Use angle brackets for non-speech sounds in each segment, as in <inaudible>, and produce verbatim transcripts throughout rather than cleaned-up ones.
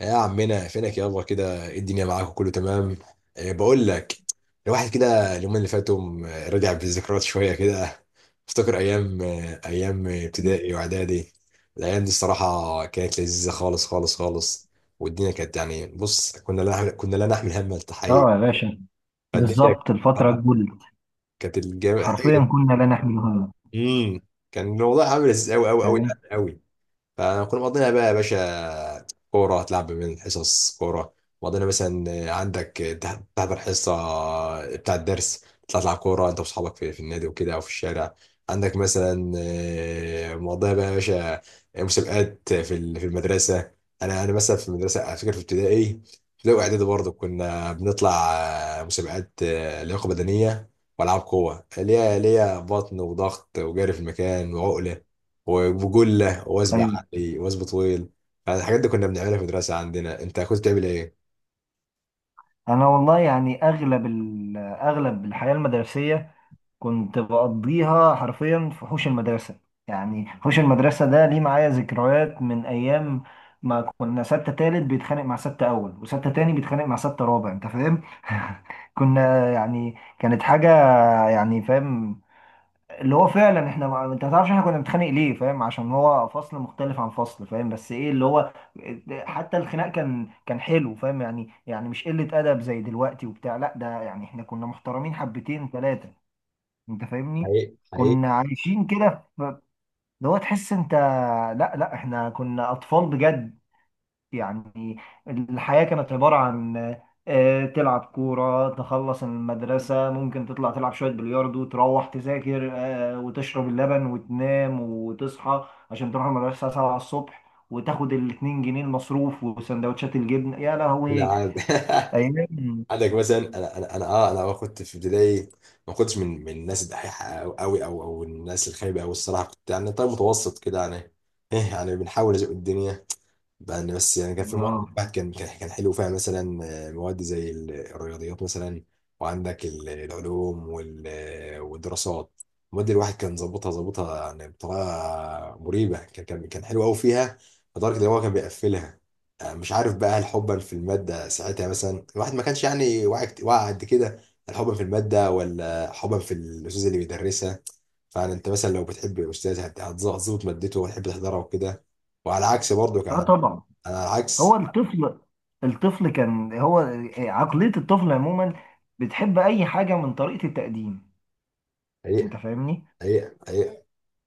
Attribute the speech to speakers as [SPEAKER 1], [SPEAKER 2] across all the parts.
[SPEAKER 1] يا عمنا فينك يابا كده إيه الدنيا معاك وكله تمام. إيه بقول لك، الواحد كده اليومين اللي فاتوا م- رجع بالذكريات شويه كده. افتكر ايام، آه، ايام ابتدائي واعدادي. الايام دي الصراحه كانت لذيذه خالص خالص خالص، والدنيا كانت يعني بص، كنا لا نحمل كنا لا نحمل هم التحقيق.
[SPEAKER 2] اه يا باشا،
[SPEAKER 1] فالدنيا
[SPEAKER 2] بالظبط الفترة الجولد.
[SPEAKER 1] كانت الجامعة.
[SPEAKER 2] حرفيا كنا لا نحمل هما.
[SPEAKER 1] امم كان الموضوع عامل ازاي؟ قوي قوي قوي
[SPEAKER 2] فاهم؟
[SPEAKER 1] قوي فانا كنا مقضينا بقى يا باشا كوره، تلعب من الحصص كوره. مقضينا مثلا، عندك تح- تحضر حصه بتاع الدرس، تطلع تلعب كوره انت واصحابك في, في النادي وكده، او في الشارع. عندك مثلا، آه، مقضيها بقى يا باشا مسابقات في ال- في المدرسه. انا انا مثلا في المدرسه، على فكره، في ابتدائي، في الاول اعدادي برضه كنا بنطلع آه، مسابقات، آه، لياقه بدنيه، والعاب قوه، اللي هي اللي هي بطن وضغط وجري في المكان وعقله وجله، وثب
[SPEAKER 2] ايوه.
[SPEAKER 1] عقلي، وثب طويل. الحاجات دي كنا بنعملها في المدرسه عندنا. انت كنت بتعمل ايه؟
[SPEAKER 2] انا والله يعني اغلب ال- اغلب الحياة المدرسية كنت بقضيها حرفيا في حوش المدرسة. يعني حوش المدرسة ده ليه معايا ذكريات من ايام ما كنا ستة تالت بيتخانق مع ستة اول، وستة تاني بيتخانق مع ستة رابع. انت فاهم؟ <laughs> كنا يعني كانت حاجة، يعني فاهم، اللي هو فعلا احنا ما... انت ما تعرفش احنا كنا بنتخانق ليه، فاهم؟ عشان هو فصل مختلف عن فصل، فاهم؟ بس ايه اللي هو، حتى الخناق كان كان حلو، فاهم؟ يعني يعني مش قلة ادب زي دلوقتي وبتاع، لا ده يعني احنا كنا محترمين حبتين ثلاثة. انت فاهمني؟
[SPEAKER 1] حقيقي حقيقي.
[SPEAKER 2] كنا عايشين كده، ف- اللي هو تحس انت. لا لا، احنا كنا اطفال بجد. يعني الحياة كانت عبارة عن آه، تلعب كورة، تخلص المدرسة، ممكن تطلع تلعب شوية بلياردو، تروح تذاكر آه، وتشرب اللبن وتنام وتصحى، عشان تروح المدرسة 7 الصبح وتاخد الاتنين جنيه المصروف وسندوتشات الجبن. يا لهوي
[SPEAKER 1] العاب.
[SPEAKER 2] أيام.
[SPEAKER 1] <laughs> عندك مثلا، انا انا انا اه انا كنت في ابتدائي ما كنتش من من الناس الدحيحه قوي، او او أو الناس الخايبه، او الصراحه كنت يعني طيب، متوسط كده يعني. ايه يعني، بنحاول نزق الدنيا بقى. أنا بس يعني كان في مواد
[SPEAKER 2] آه.
[SPEAKER 1] البحث كان كان كان حلو فيها، مثلا آه، مواد زي ال- الرياضيات مثلا، وعندك ال- العلوم وال- آه، والدراسات. المواد الواحد كان ظابطها ظابطها يعني بطريقه مريبه، كان كان كان حلو قوي فيها، لدرجه ان هو كان بيقفلها. آه، مش عارف بقى، هل حبا في الماده ساعتها؟ مثلا الواحد ما كانش يعني واعي، كت- واعي قد كده. هل حبا في الماده، ولا حبا في الاستاذ اللي بيدرسها؟ فعلا انت مثلا لو بتحب الاستاذ هت- هتظبط مادته وتحب تحضرها وكده، وعلى عكس برضو
[SPEAKER 2] آه
[SPEAKER 1] انا
[SPEAKER 2] طبعا. هو
[SPEAKER 1] العكس.
[SPEAKER 2] الطفل الطفل كان هو، آه، عقلية الطفل عموما بتحب أي حاجة من طريقة التقديم.
[SPEAKER 1] حقيقة
[SPEAKER 2] أنت فاهمني؟
[SPEAKER 1] حقيقة حقيقة.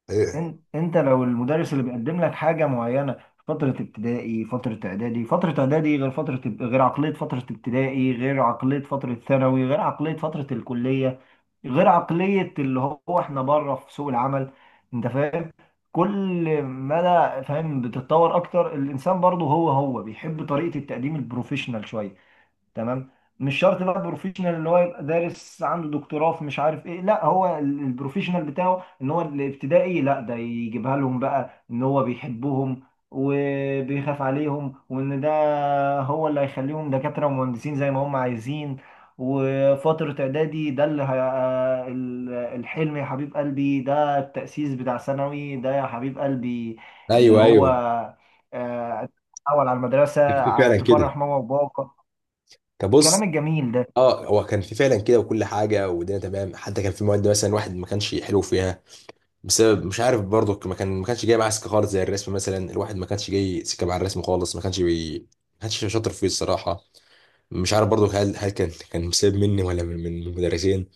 [SPEAKER 1] حقيقة.
[SPEAKER 2] إن- انت لو المدرس اللي بيقدم لك حاجه معينه في فتره ابتدائي، فتره اعدادي، فتره اعدادي غير فتره اب- غير عقليه فتره ابتدائي، غير عقليه فتره ثانوي، غير عقليه فتره الكليه، غير عقليه اللي هو احنا بره في سوق العمل. انت فاهم؟ كل مدى، فاهم، بتتطور اكتر. الانسان برضه هو هو بيحب طريقه التقديم البروفيشنال شويه. تمام؟ مش شرط بقى بروفيشنال ان هو يبقى دارس عنده دكتوراه في مش عارف ايه، لا هو ال- البروفيشنال بتاعه ان هو الابتدائي، لا ده يجيبها لهم بقى ان هو بيحبهم وبيخاف عليهم، وان ده هو اللي هيخليهم دكاترة ومهندسين زي ما هم عايزين. وفترة إعدادي ده اللي هي... ال- الحلم يا حبيب قلبي. ده التأسيس بتاع ثانوي ده يا حبيب قلبي، اللي
[SPEAKER 1] ايوه
[SPEAKER 2] هو
[SPEAKER 1] ايوه
[SPEAKER 2] آه، أول على المدرسة،
[SPEAKER 1] كان في
[SPEAKER 2] ع-
[SPEAKER 1] فعلا كده.
[SPEAKER 2] تفرح ماما وبابا.
[SPEAKER 1] طب بص،
[SPEAKER 2] الكلام الجميل ده.
[SPEAKER 1] اه هو كان في فعلا كده، وكل حاجه والدنيا تمام. حتى كان في مواد مثلا واحد ما كانش حلو فيها، بسبب مش عارف برضه، ما كان ما كانش جاي معاه سكه خالص، زي الرسم مثلا. الواحد ما كانش جاي سكه مع الرسم خالص، ما كانش بي... ما كانش شاطر فيه الصراحه. مش عارف برضه، هل هل كان كان بسبب مني، ولا من من من المدرسين.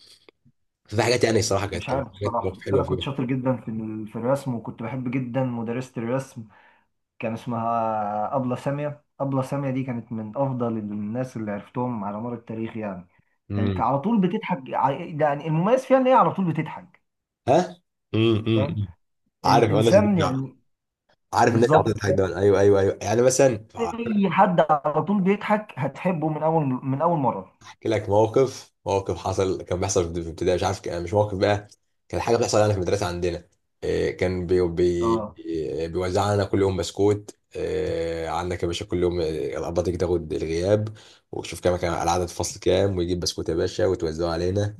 [SPEAKER 1] ففي حاجات يعني الصراحه كانت
[SPEAKER 2] مش
[SPEAKER 1] كانت
[SPEAKER 2] عارف
[SPEAKER 1] حاجات
[SPEAKER 2] الصراحة،
[SPEAKER 1] مواقف
[SPEAKER 2] بس
[SPEAKER 1] حلوه
[SPEAKER 2] أنا كنت
[SPEAKER 1] فيها.
[SPEAKER 2] شاطر جدا في ال- في الرسم، وكنت بحب جدا مدرسة الرسم. كان اسمها أبلة سامية. أبلة سامية دي كانت من أفضل الناس اللي عرفتهم على مر التاريخ، يعني كانت
[SPEAKER 1] امم
[SPEAKER 2] على طول بتضحك. ع- يعني المميز فيها إن هي على طول بتضحك،
[SPEAKER 1] ها. امم
[SPEAKER 2] فاهم؟
[SPEAKER 1] امم
[SPEAKER 2] إن-
[SPEAKER 1] عارف انا.
[SPEAKER 2] إنسان، يعني
[SPEAKER 1] عارف، الناس عاطفة
[SPEAKER 2] بالظبط،
[SPEAKER 1] تضحك
[SPEAKER 2] فاهم؟
[SPEAKER 1] دايما، ايوه ايوه ايوه، يعني مثلا.
[SPEAKER 2] أي حد على طول بيضحك هتحبه من أول من أول مرة.
[SPEAKER 1] احكي لك موقف، موقف حصل كان بيحصل في ابتدائي، مش عارف كان- مش موقف بقى، كان حاجه بتحصل يعني في المدرسه عندنا. إيه، كان بي بي
[SPEAKER 2] أه.
[SPEAKER 1] بيوزع لنا كل يوم بسكوت. إيه، عندك يا باشا كل يوم، إيه، الابله تيجي تاخد الغياب وتشوف كام كان العدد في الفصل كام، ويجيب بسكوت يا باشا وتوزعه علينا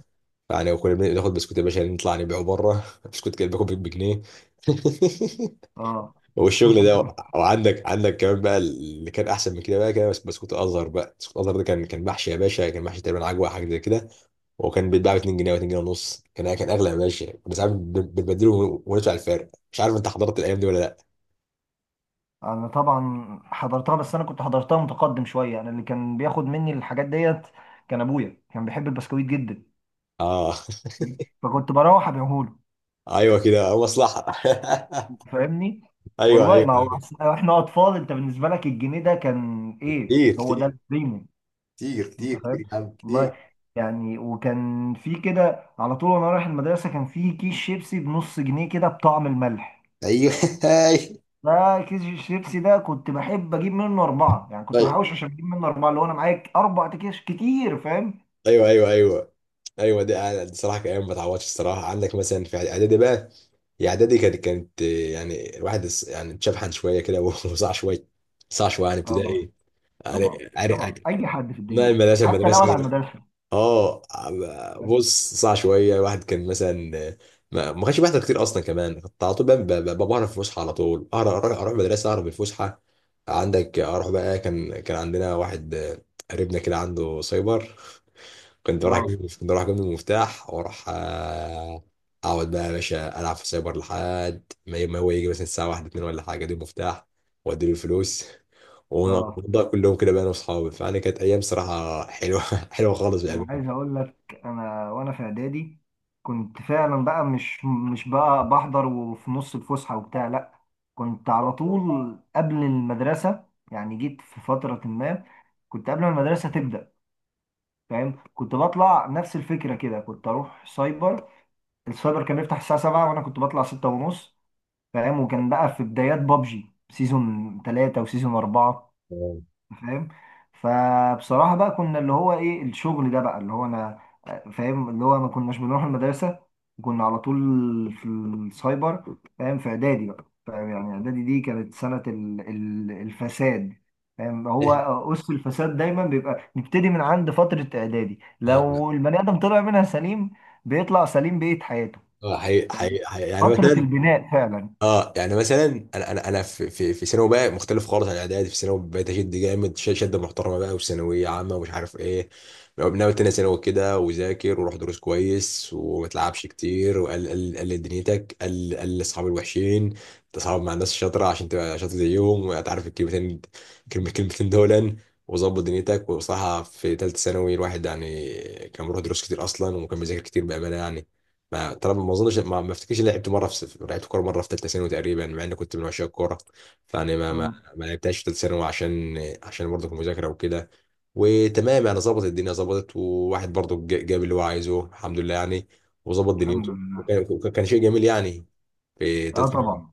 [SPEAKER 1] يعني، وكنا بناخد بسكوت يا باشا نطلع نبيعه بره <laughs> بسكوت كده باكل بجنيه <laughs>
[SPEAKER 2] أه.
[SPEAKER 1] والشغل ده.
[SPEAKER 2] <laughs>
[SPEAKER 1] وعندك عندك كمان بقى اللي كان احسن من كده بقى، كده بس بسكوت ازهر. بقى بسكوت ازهر ده كان كان محشي يا باشا، كان محشي تقريبا عجوه، حاجه زي كده، وكان بيتباع ب اتنين جنيه و اتنين جنيه ونص. كان كان اغلى يا باشا، كنا ساعات بن- بنبدله ون- وندفع الفرق. مش عارف انت حضرت الايام دي ولا لا؟
[SPEAKER 2] انا طبعا حضرتها، بس انا كنت حضرتها متقدم شويه. انا اللي كان بياخد مني الحاجات ديت كان ابويا، كان بيحب البسكويت جدا،
[SPEAKER 1] اه <laughs>
[SPEAKER 2] فكنت بروح ابيعهوله.
[SPEAKER 1] ايوه كده، آه، مصلحه <laughs>
[SPEAKER 2] فاهمني؟
[SPEAKER 1] ايوه
[SPEAKER 2] والله
[SPEAKER 1] ايوه
[SPEAKER 2] ما هو
[SPEAKER 1] أيوة.
[SPEAKER 2] أصل احنا اطفال، انت بالنسبه لك الجنيه ده كان ايه،
[SPEAKER 1] كتير
[SPEAKER 2] هو ده
[SPEAKER 1] كتير.
[SPEAKER 2] البريميوم.
[SPEAKER 1] كتير كتير
[SPEAKER 2] انت
[SPEAKER 1] كتير
[SPEAKER 2] فاهم؟
[SPEAKER 1] يا عم، كتير.
[SPEAKER 2] والله يعني وكان في كده على طول وانا رايح المدرسه، كان في كيس شيبسي بنص جنيه كده بطعم الملح.
[SPEAKER 1] ايوه <laughs>
[SPEAKER 2] ده كيس الشيبسي ده كنت بحب اجيب منه اربعه. يعني كنت
[SPEAKER 1] طيب.
[SPEAKER 2] بحوش عشان اجيب منه اربعه، اللي هو انا معايا اربع اكياس كتير، فاهم؟
[SPEAKER 1] ايوه ايوه ايوه. ايوه ده، دي صراحه كان ايام ما تعوضش الصراحه. عندك مثلا في اعدادي بقى، هي اعدادي كانت كانت يعني الواحد اس- يعني اتشبحن شويه كده <laughs> وصاع شويه، صاع شويه عن
[SPEAKER 2] اه
[SPEAKER 1] ابتدائي.
[SPEAKER 2] طبعا.
[SPEAKER 1] يعني عارف،
[SPEAKER 2] طبعا اي حد في
[SPEAKER 1] ما
[SPEAKER 2] الدنيا
[SPEAKER 1] المدرسه
[SPEAKER 2] حتى لو على
[SPEAKER 1] المدرسه
[SPEAKER 2] المدرسه،
[SPEAKER 1] اه.
[SPEAKER 2] فاهم؟
[SPEAKER 1] بص، صاع شويه الواحد كان مثلا ما ما كانش بيحضر كتير اصلا كمان، كنت على طول بقى ب- ب- بهرب في الفسحه، على طول اهرب، اروح أروح المدرسه اهرب من الفسحه. عندك، اروح بقى، كان كان عندنا واحد قريبنا كده عنده سايبر، كنت بروح
[SPEAKER 2] اه.
[SPEAKER 1] اجيب كنت بروح اجيب المفتاح واروح، آه، اقعد بقى يا باشا العب في سايبر لحد ما ي- ما هو يجي مثلا الساعه واحده اتنين ولا حاجه، اديله المفتاح واديله الفلوس،
[SPEAKER 2] اه.
[SPEAKER 1] ونقضيها كلهم كده بقى انا واصحابي. فانا كانت ايام صراحه حلوه <laughs> حلوه خالص
[SPEAKER 2] انا
[SPEAKER 1] بامانه.
[SPEAKER 2] عايز اقول لك، انا وانا في اعدادي كنت فعلا بقى مش مش بقى بحضر وفي نص الفسحه وبتاع، لا كنت على طول قبل المدرسه. يعني جيت في فتره ما كنت قبل ما المدرسه تبدا، فاهم؟ كنت بطلع نفس الفكره كده، كنت اروح سايبر. السايبر كان بيفتح الساعة سبعة وانا كنت بطلع ستة ونص، فاهم؟ وكان بقى في بدايات بابجي سيزون ثلاثة وسيزون أربعة،
[SPEAKER 1] آه.
[SPEAKER 2] فاهم؟ فبصراحة بقى كنا اللي هو ايه الشغل ده، بقى اللي هو انا، فاهم، اللي هو ما كناش بنروح المدرسة، كنا على طول في السايبر، فاهم؟ في اعدادي بقى، فاهم، يعني اعدادي دي كانت سنة ال- ال- الفساد، فاهم؟ هو
[SPEAKER 1] <laughs>
[SPEAKER 2] أس الفساد دايما بيبقى نبتدي من عند فترة اعدادي.
[SPEAKER 1] أيوة.
[SPEAKER 2] لو البني آدم طلع منها سليم، بيطلع سليم بقية حياته.
[SPEAKER 1] آه، حقيقي- حقيقي- حقيقي. يعني
[SPEAKER 2] فترة
[SPEAKER 1] مثلا،
[SPEAKER 2] البناء فعلا.
[SPEAKER 1] اه يعني مثلا انا انا انا في في في ثانوي بقى مختلف خالص عن اعدادي. في ثانوي بقيت اشد جامد، ش- شده محترمه بقى، وثانويه عامه ومش عارف ايه. ناوي تاني ثانوي كده، وذاكر، وروح دروس كويس، وما تلعبش كتير، وقل قل قل دنيتك، قل قل اصحاب الوحشين، تصاحب مع الناس الشاطره عشان تبقى شاطر زيهم، وتعرف الكلمتين، كلمه كلمتين دولا، وظبط دنيتك. وصراحه في ثالثه ثانوي الواحد يعني كان بيروح دروس كتير اصلا، وكان بيذاكر كتير بامانه يعني. ما ترى، ما اظنش ما, ما افتكرش إني لعبت مره في س- لعبت كوره مره في ثالثه ثانوي تقريبا، مع اني كنت من عشاق الكوره. فانا ما ما,
[SPEAKER 2] مم.
[SPEAKER 1] ما لعبتهاش في ثالثه ثانوي، عشان عشان برضه المذاكره وكده، وتمام يعني ظبطت الدنيا ظبطت. وواحد برضه ج- جاب اللي هو عايزه، الحمد لله يعني، وظبط
[SPEAKER 2] الحمد
[SPEAKER 1] دنيته.
[SPEAKER 2] لله.
[SPEAKER 1] وكان وكان- كان شيء جميل يعني، في
[SPEAKER 2] اه
[SPEAKER 1] ثالثه ثانوي.
[SPEAKER 2] طبعا.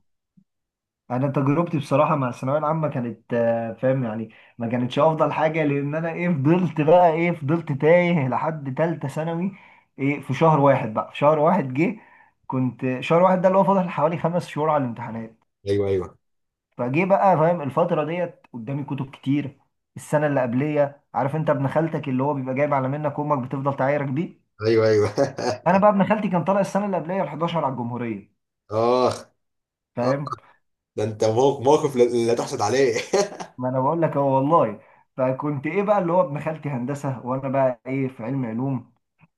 [SPEAKER 2] انا تجربتي بصراحة مع الثانوية العامة كانت آه، فاهم يعني ما كانتش افضل حاجة. لان انا ايه فضلت بقى ايه فضلت تايه لحد تالتة ثانوي. ايه في شهر واحد بقى، في شهر واحد جه. كنت شهر واحد ده اللي هو فاضل حوالي خمس شهور على الامتحانات،
[SPEAKER 1] ايوه ايوه
[SPEAKER 2] فجه بقى. فاهم الفترة ديت قدامي كتب كتير. السنة اللي قبلية، عارف انت ابن خالتك اللي هو بيبقى جايب على منك امك بتفضل تعايرك بيه؟
[SPEAKER 1] ايوه. ايوه
[SPEAKER 2] انا
[SPEAKER 1] <laughs>
[SPEAKER 2] بقى ابن خالتي كان طالع السنة اللي قبلية ال الحداشر على الجمهورية.
[SPEAKER 1] اخ. آه.
[SPEAKER 2] فاهم؟
[SPEAKER 1] ده انت موق- موقف لا لا تحسد عليه <laughs>
[SPEAKER 2] ما انا بقول لك هو، والله. فكنت ايه بقى اللي هو ابن خالتي هندسه وانا بقى ايه في علم علوم.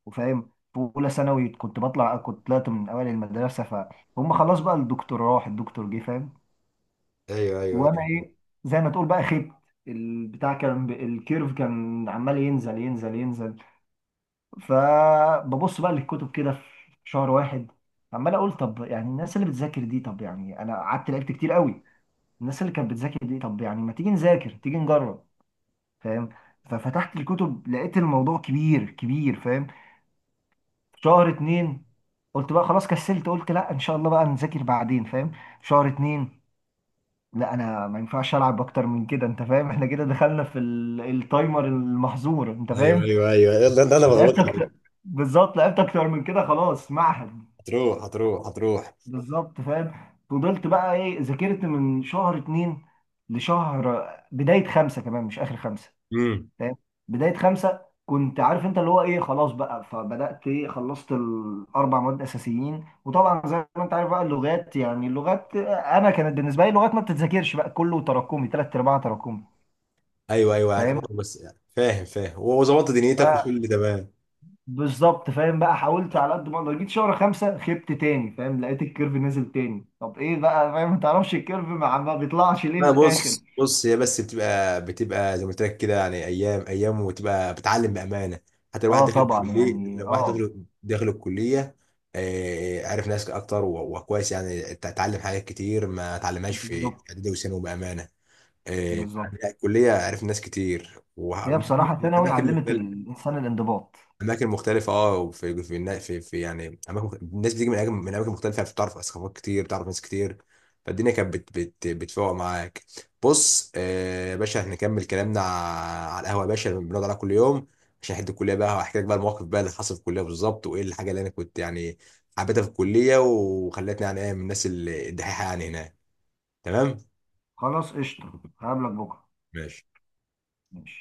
[SPEAKER 2] وفاهم في اولى ثانوي كنت بطلع كنت طلعت من اوائل المدرسه، فهم؟ خلاص بقى، الدكتور راح الدكتور جه، فاهم؟
[SPEAKER 1] ايوه ايوه
[SPEAKER 2] وانا
[SPEAKER 1] ايوه.
[SPEAKER 2] ايه، زي ما تقول بقى خبت. البتاع كان ب- الكيرف كان عمال ينزل ينزل ينزل. فببص بقى للكتب كده في شهر واحد، عمال اقول طب يعني الناس اللي بتذاكر دي، طب يعني انا قعدت لعبت كتير قوي. الناس اللي كانت بتذاكر دي، طب يعني ما تيجي نذاكر، تيجي نجرب، فاهم؟ ففتحت الكتب، لقيت الموضوع كبير كبير، فاهم؟ شهر اتنين. قلت بقى خلاص كسلت، قلت لا ان شاء الله بقى نذاكر بعدين، فاهم؟ شهر اتنين، لا انا ما ينفعش العب اكتر من كده. انت فاهم؟ <laughs> احنا كده دخلنا في ال- التايمر المحظور، انت
[SPEAKER 1] ايوه
[SPEAKER 2] فاهم؟
[SPEAKER 1] ايوه ايوه، يلا ده انا بغوط.
[SPEAKER 2] لعبت اكتر. بالظبط لعبت اكتر من كده. خلاص معهد.
[SPEAKER 1] هتروح هتروح هتروح.
[SPEAKER 2] بالظبط، فاهم؟ فضلت بقى ايه، ذاكرت من شهر اتنين لشهر بداية خمسة كمان مش اخر خمسة،
[SPEAKER 1] مم.
[SPEAKER 2] فاهم؟ بدايه خمسه كنت عارف انت اللي هو ايه، خلاص بقى. فبدات ايه، خلصت الاربع مواد اساسيين. وطبعا زي ما انت عارف بقى، اللغات يعني اللغات انا كانت بالنسبه لي، لغات ما بتتذاكرش بقى، كله تراكمي ثلاث ارباع تراكمي،
[SPEAKER 1] ايوه ايوه، يعني
[SPEAKER 2] فاهم؟
[SPEAKER 1] برضه بس يعني فاهم فاهم، وظبطت دنيتك وكل اللي تمام.
[SPEAKER 2] فبالظبط، فاهم بقى، حاولت على قد ما اقدر. جيت شهر خمسه خبت تاني، فاهم؟ لقيت الكيرف نزل تاني. طب ايه بقى، فاهم؟ ما تعرفش الكيرف ما ما بيطلعش ليه
[SPEAKER 1] انا
[SPEAKER 2] للاخر.
[SPEAKER 1] بص بص، هي بس بتبقى، بتبقى زي ما قلت لك كده يعني، ايام ايام، وتبقى بتعلم بامانه. حتى الواحد
[SPEAKER 2] اه
[SPEAKER 1] داخل
[SPEAKER 2] طبعا
[SPEAKER 1] الكليه،
[SPEAKER 2] يعني.
[SPEAKER 1] لو واحد
[SPEAKER 2] اه.
[SPEAKER 1] داخل، داخل الكليه، آه، عارف ناس اكتر و- وكويس، يعني ت- اتعلم حاجات كتير ما اتعلمهاش في
[SPEAKER 2] بالظبط
[SPEAKER 1] اعدادي وثانوي بامانه. آه،
[SPEAKER 2] بالظبط.
[SPEAKER 1] فعلا الكليه عرفت ناس كتير،
[SPEAKER 2] هي بصراحه ثانوي
[SPEAKER 1] واماكن
[SPEAKER 2] علمت
[SPEAKER 1] مختلفه،
[SPEAKER 2] الانسان الانضباط.
[SPEAKER 1] اماكن مختلفه. اه وفي في النا- في, في يعني اماكن مخ- الناس بتيجي من اماكن، من اماكن مختلفه، يعني بتعرف ثقافات كتير، بتعرف ناس كتير. فالدنيا كانت بت بت بتفوق معاك. بص، آه، يا باشا هنكمل كلامنا ع- على القهوه يا باشا اللي بنقعد عليها كل يوم، عشان حد الكليه بقى. وهحكي لك بقى المواقف بقى اللي حصل في الكليه بالظبط، وايه الحاجه اللي انا كنت يعني حبيتها في الكليه، وخلتني يعني ايه، من الناس ال- الدحيحه يعني هناك. تمام.
[SPEAKER 2] خلاص قشطة، هقابلك بكرة.
[SPEAKER 1] ماشي.
[SPEAKER 2] ماشي.